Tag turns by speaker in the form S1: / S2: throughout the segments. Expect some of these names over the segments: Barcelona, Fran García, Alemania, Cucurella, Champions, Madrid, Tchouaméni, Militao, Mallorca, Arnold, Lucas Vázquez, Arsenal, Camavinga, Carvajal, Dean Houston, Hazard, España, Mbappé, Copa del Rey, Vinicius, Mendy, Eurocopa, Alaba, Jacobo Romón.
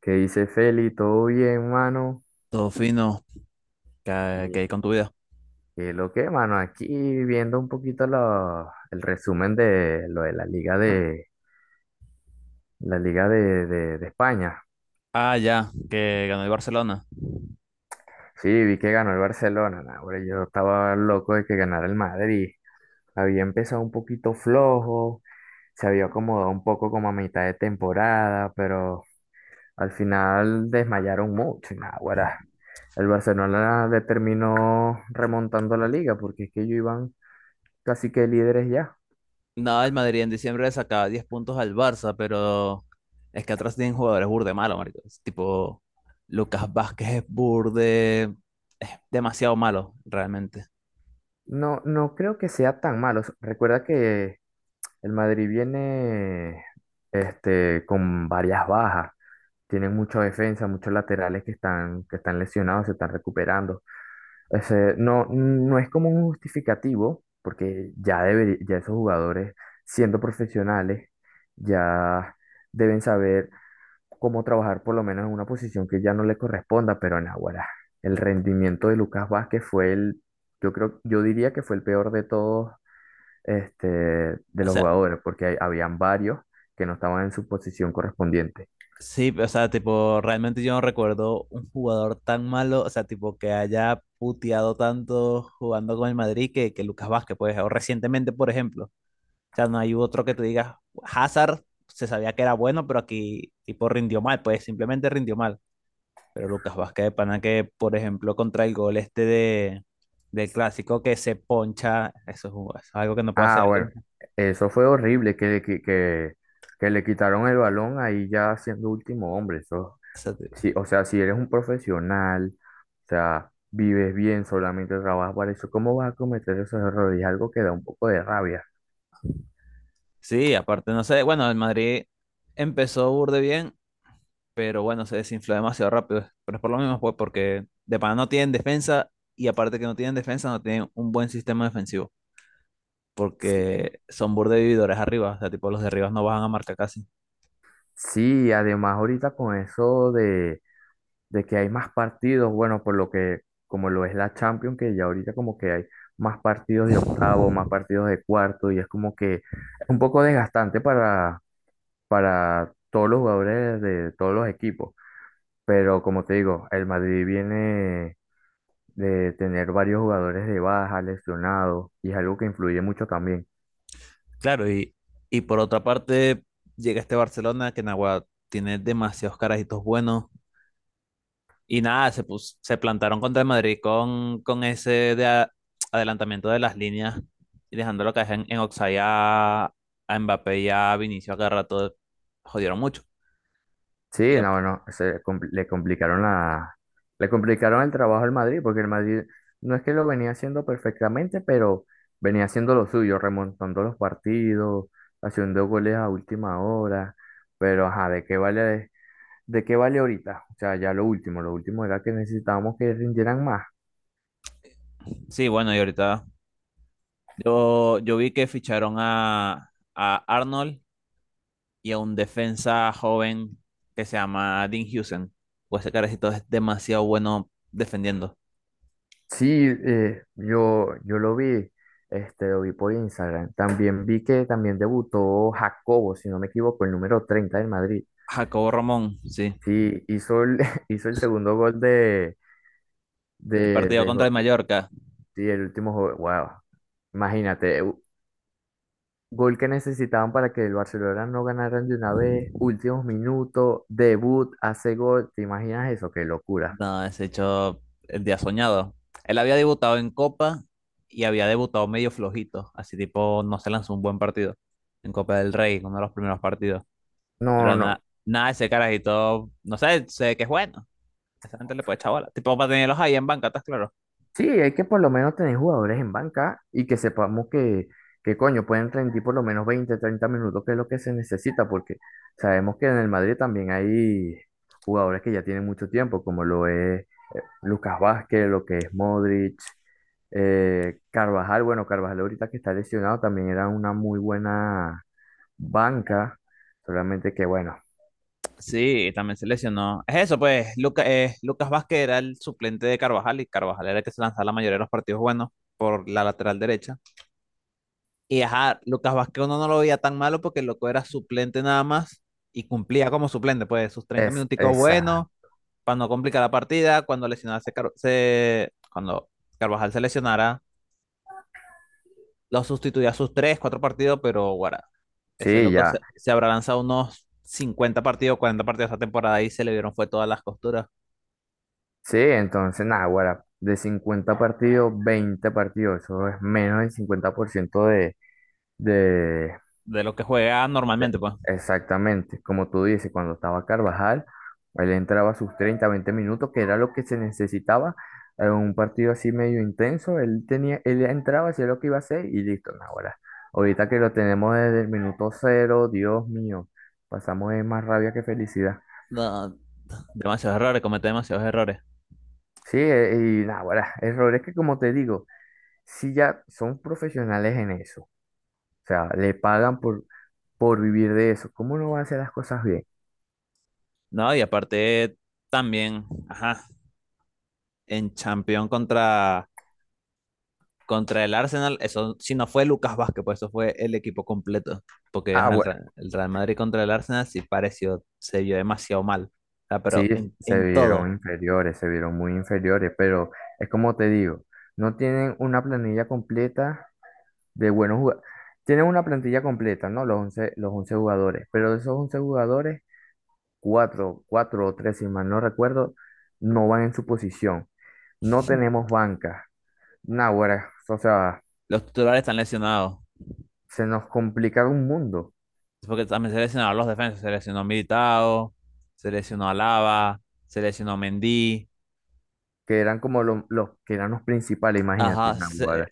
S1: ¿Qué dice Feli? ¿Todo bien, mano?
S2: Todo fino, que
S1: Y-
S2: hay con tu vida.
S1: y lo que, mano? Aquí viendo un poquito el resumen de lo de la Liga de España.
S2: Ah, ya, que ganó el Barcelona.
S1: Sí, vi que ganó el Barcelona. Nah, hombre, yo estaba loco de que ganara el Madrid. Había empezado un poquito flojo, se había acomodado un poco como a mitad de temporada, pero al final desmayaron mucho. Y nah, ahora el Barcelona determinó remontando la liga porque es que ellos iban casi que líderes ya.
S2: No, el Madrid en diciembre le sacaba 10 puntos al Barça, pero es que atrás tienen jugadores burde malo, marico. Es tipo, Lucas Vázquez es burde, es demasiado malo, realmente.
S1: No, no creo que sea tan malo. Recuerda que el Madrid viene con varias bajas. Tienen mucha defensa, muchos laterales que están lesionados, se están recuperando. Ese, no, no es como un justificativo, porque ya, ya esos jugadores, siendo profesionales, ya deben saber como trabajar por lo menos en una posición que ya no le corresponda, pero en Naguará, el rendimiento de Lucas Vázquez fue el, yo creo, yo diría que fue el peor de todos, de
S2: O
S1: los
S2: sea,
S1: jugadores, porque habían varios que no estaban en su posición correspondiente.
S2: sí, o sea, tipo, realmente yo no recuerdo un jugador tan malo, o sea, tipo, que haya puteado tanto jugando con el Madrid que Lucas Vázquez, pues, o recientemente, por ejemplo. O sea, no hay otro que tú digas, Hazard se sabía que era bueno, pero aquí tipo rindió mal, pues simplemente rindió mal. Pero Lucas Vázquez de Pana que, por ejemplo, contra el gol este del clásico que se poncha, eso es, es algo que no puede
S1: Ah,
S2: hacer.
S1: bueno, eso fue horrible, que le quitaron el balón ahí ya siendo último hombre, eso,
S2: Te-
S1: sí, o sea, si eres un profesional, o sea, vives bien, solamente trabajas para eso, ¿cómo vas a cometer esos errores? Es algo que da un poco de rabia.
S2: Sí, aparte, no sé, bueno, el Madrid empezó burde bien, pero bueno, se desinfló demasiado rápido. Pero es por lo mismo, pues, porque de Pana no tienen defensa y aparte que no tienen defensa, no tienen un buen sistema defensivo.
S1: Sí,
S2: Porque son burde vividores arriba, o sea, tipo los de arriba no bajan a marca casi.
S1: sí, además ahorita con eso de que hay más partidos, bueno, por lo que, como lo es la Champions, que ya ahorita como que hay más partidos de octavo, más partidos de cuarto, y es como que es un poco desgastante para todos los jugadores de todos los equipos. Pero como te digo, el Madrid viene de tener varios jugadores de baja, lesionados, y es algo que influye mucho también.
S2: Claro, y por otra parte llega este Barcelona que Nagua tiene demasiados carajitos buenos y nada, se plantaron contra el Madrid con ese de adelantamiento de las líneas y dejándolo caer en Oxai a Mbappé y a Vinicius a cada rato, jodieron mucho. Y
S1: Sí,
S2: a-
S1: no, no, se compl- le complicaron la, le complicaron el trabajo al Madrid, porque el Madrid no es que lo venía haciendo perfectamente, pero venía haciendo lo suyo, remontando los partidos, haciendo goles a última hora, pero ajá, ¿de qué vale ahorita? O sea, ya lo último era que necesitábamos que rindieran más.
S2: sí, bueno, y ahorita yo vi que ficharon a Arnold y a un defensa joven que se llama Dean Houston. Pues ese carecito es demasiado bueno defendiendo.
S1: Sí, yo lo vi por Instagram. También vi que también debutó Jacobo, si no me equivoco, el número 30 del Madrid.
S2: Jacobo Romón, sí,
S1: Sí, hizo el, hizo el segundo gol de,
S2: del
S1: de,
S2: partido
S1: de
S2: contra el
S1: Gordon,
S2: Mallorca.
S1: sí, el último gol. Wow. Imagínate, gol que necesitaban para que el Barcelona no ganaran de una vez, últimos minutos, debut, hace gol. ¿Te imaginas eso? Qué locura.
S2: No, ese hecho el día soñado. Él había debutado en Copa y había debutado medio flojito, así tipo no se lanzó un buen partido en Copa del Rey, uno de los primeros partidos.
S1: No,
S2: Pero
S1: no.
S2: nada, nada, ese carajito, no sé, sé que es bueno. Esa gente le puede echar bola. Tipo para tenerlos ahí en banca, estás claro.
S1: Sí, hay que por lo menos tener jugadores en banca y que sepamos que coño, pueden rendir por lo menos 20 30 minutos, que es lo que se necesita, porque sabemos que en el Madrid también hay jugadores que ya tienen mucho tiempo, como lo es Lucas Vázquez, lo que es Modric, Carvajal, bueno, Carvajal ahorita que está lesionado también era una muy buena banca, solamente que bueno,
S2: Sí, también se lesionó. Es eso, pues, Lucas Vázquez era el suplente de Carvajal y Carvajal era el que se lanzaba la mayoría de los partidos buenos por la lateral derecha. Y ajá, Lucas Vázquez uno no lo veía tan malo porque el loco era suplente nada más y cumplía como suplente, pues, sus 30
S1: es
S2: minuticos
S1: esa,
S2: buenos para no complicar la partida. Cuando lesionaba se, Car- se- cuando Carvajal se lesionara, lo sustituía a sus 3 4 partidos, pero guarda, ese
S1: sí,
S2: loco se,
S1: ya,
S2: se habrá lanzado unos 50 partidos, 40 partidos esta temporada y se le vieron fue todas las costuras.
S1: sí, entonces nada, ahora de 50 partidos, 20 partidos, eso es menos del 50% de,
S2: De lo que juega
S1: De-
S2: normalmente, pues.
S1: Exactamente, como tú dices, cuando estaba Carvajal, él entraba sus 30 20 minutos, que era lo que se necesitaba en un partido así medio intenso, él tenía, él entraba, hacía lo que iba a hacer y listo, no, ahora, ahorita que lo tenemos desde el minuto 0, Dios mío, pasamos de más rabia que felicidad.
S2: No, demasiados errores, comete demasiados errores.
S1: Sí, y nada, ahora, errores que como te digo, si ya son profesionales en eso, o sea, le pagan por vivir de eso, ¿cómo no van a hacer las cosas bien?
S2: No, y aparte también, ajá, en Champions contra el Arsenal, eso si no fue Lucas Vázquez, pues eso fue el equipo completo. Porque
S1: Ah.
S2: ajá, el Real Madrid contra el Arsenal sí pareció, se vio demasiado mal. O sea,
S1: Sí,
S2: pero en,
S1: se
S2: en todo,
S1: vieron inferiores, se vieron muy inferiores, pero es como te digo, no tienen una planilla completa de buenos jugadores. Tienen una plantilla completa, ¿no? Los once jugadores, pero de esos 11 jugadores, 4 4 o 3 si mal no recuerdo, no van en su posición. No tenemos banca. Naguará, o sea,
S2: los titulares están lesionados.
S1: se nos complica un mundo,
S2: Porque también se lesionaron los defensas, se lesionó Militao, se lesionó Alaba, se lesionó Mendy.
S1: que eran como los que eran los principales, imagínate,
S2: Ajá, se,
S1: Naguará.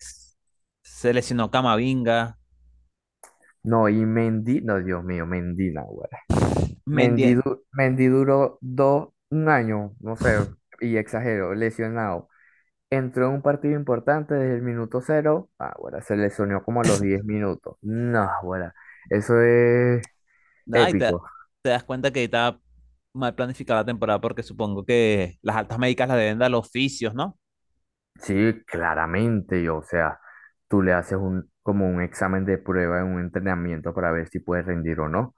S2: se lesionó Camavinga.
S1: No, y Mendy, no, Dios mío, Mendy, Mendy,
S2: Mendy.
S1: du- Mendy duró un año, no sé, y exagero, lesionado. Entró en un partido importante desde el minuto 0. Ah, bueno, se lesionó como a los 10 minutos. No, bueno, eso es
S2: Ay, te,
S1: épico.
S2: te das cuenta que estaba mal planificada la temporada porque supongo que las altas médicas las deben dar los fisios, ¿no?
S1: Sí, claramente, yo, o sea, tú le haces un, como un examen de prueba en un entrenamiento para ver si puedes rendir o no.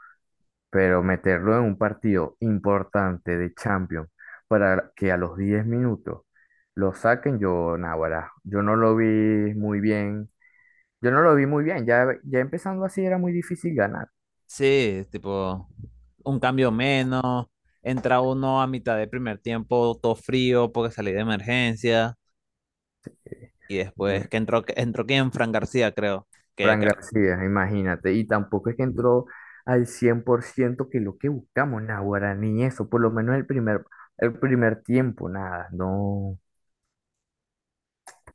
S1: Pero meterlo en un partido importante de Champions para que a los 10 minutos lo saquen, yo, naguará, yo no lo vi muy bien, yo no lo vi muy bien, ya, ya empezando así era muy difícil ganar.
S2: Sí, tipo, un cambio menos. Entra uno a mitad del primer tiempo, todo frío porque salí de emergencia. Y después
S1: eh,
S2: que entró, entró quién, Fran García, creo. Que,
S1: Fran
S2: que-
S1: García, imagínate, y tampoco es que entró al 100% que lo que buscamos, naguará, ni eso, por lo menos el primer tiempo, nada, no.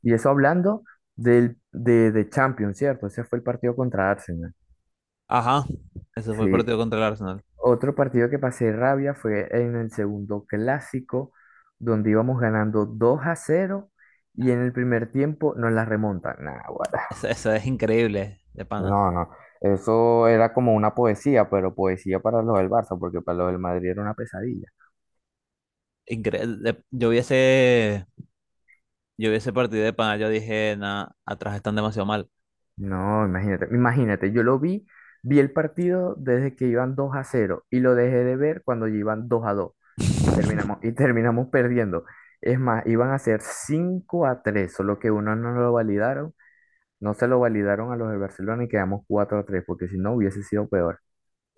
S1: Y eso hablando de Champions, ¿cierto? Ese fue el partido contra Arsenal.
S2: Ajá, ese fue el
S1: Sí,
S2: partido contra el Arsenal.
S1: otro partido que pasé rabia fue en el segundo clásico, donde íbamos ganando 2-0 y en el primer tiempo nos la remontan. Nah, guara.
S2: Eso es increíble, de pana.
S1: No, no. Eso era como una poesía, pero poesía para los del Barça, porque para los del Madrid era una pesadilla.
S2: Incre- de- Yo vi ese, Yo vi ese partido de pana, yo dije, nah, atrás están demasiado mal.
S1: No, imagínate, imagínate, vi el partido desde que iban 2-0 y lo dejé de ver cuando ya iban 2-2 y terminamos, y terminamos perdiendo. Es más, iban a ser 5-3 solo que uno no lo validaron. No se lo validaron a los de Barcelona y quedamos 4-3 porque si no hubiese sido peor.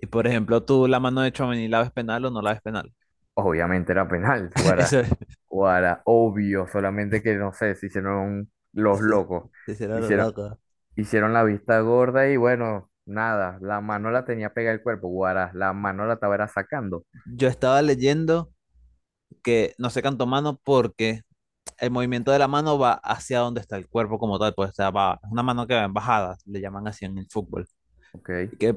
S2: Y por ejemplo, tú la mano de Tchouaméni, ¿la ves penal o no la ves penal?
S1: Obviamente era penal, guara,
S2: Eso es.
S1: guara, obvio, solamente que no sé, se hicieron los
S2: eso
S1: locos.
S2: es La
S1: Hicieron,
S2: loca.
S1: hicieron la vista gorda y bueno, nada, la mano la tenía pegada al cuerpo, guara, la mano la estaba era sacando.
S2: Yo estaba leyendo que no se cantó mano porque el movimiento de la mano va hacia donde está el cuerpo como tal, pues o sea, va, es una mano que va en bajada, le llaman así en el fútbol.
S1: Ok,
S2: Y que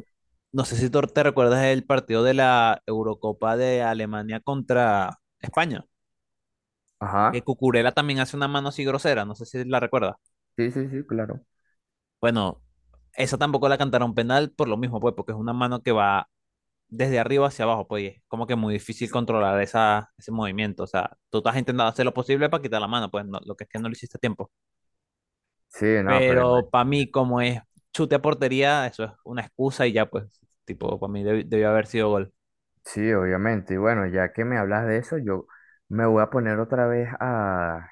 S2: no sé si tú te recuerdas el partido de la Eurocopa de Alemania contra España, que
S1: ajá,
S2: Cucurella también hace una mano así grosera, no sé si la recuerdas.
S1: sí, sí, sí, claro.
S2: Bueno, esa tampoco la cantaron penal por lo mismo, pues, porque es una mano que va desde arriba hacia abajo, pues, y es como que muy difícil controlar esa, ese movimiento. O sea, tú estás intentando hacer lo posible para quitar la mano, pues, lo que es que no lo hiciste a tiempo.
S1: Sí, no, pero
S2: Pero para mí, como es chute a portería, eso es una excusa y ya, pues, tipo, para mí debió haber sido gol.
S1: sí, obviamente. Y bueno, ya que me hablas de eso, yo me voy a poner otra vez a,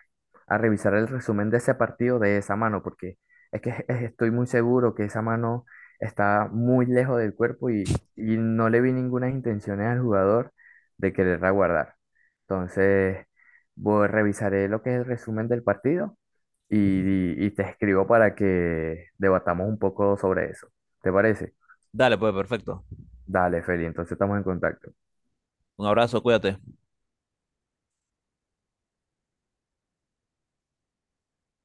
S1: a revisar el resumen de ese partido de esa mano, porque es que estoy muy seguro que esa mano está muy lejos del cuerpo y no le vi ninguna intención al jugador de quererla guardar. Entonces, voy, revisaré lo que es el resumen del partido y te escribo para que debatamos un poco sobre eso. ¿Te parece?
S2: Dale, pues, perfecto.
S1: Dale, Feli, entonces estamos en contacto.
S2: Un abrazo, cuídate.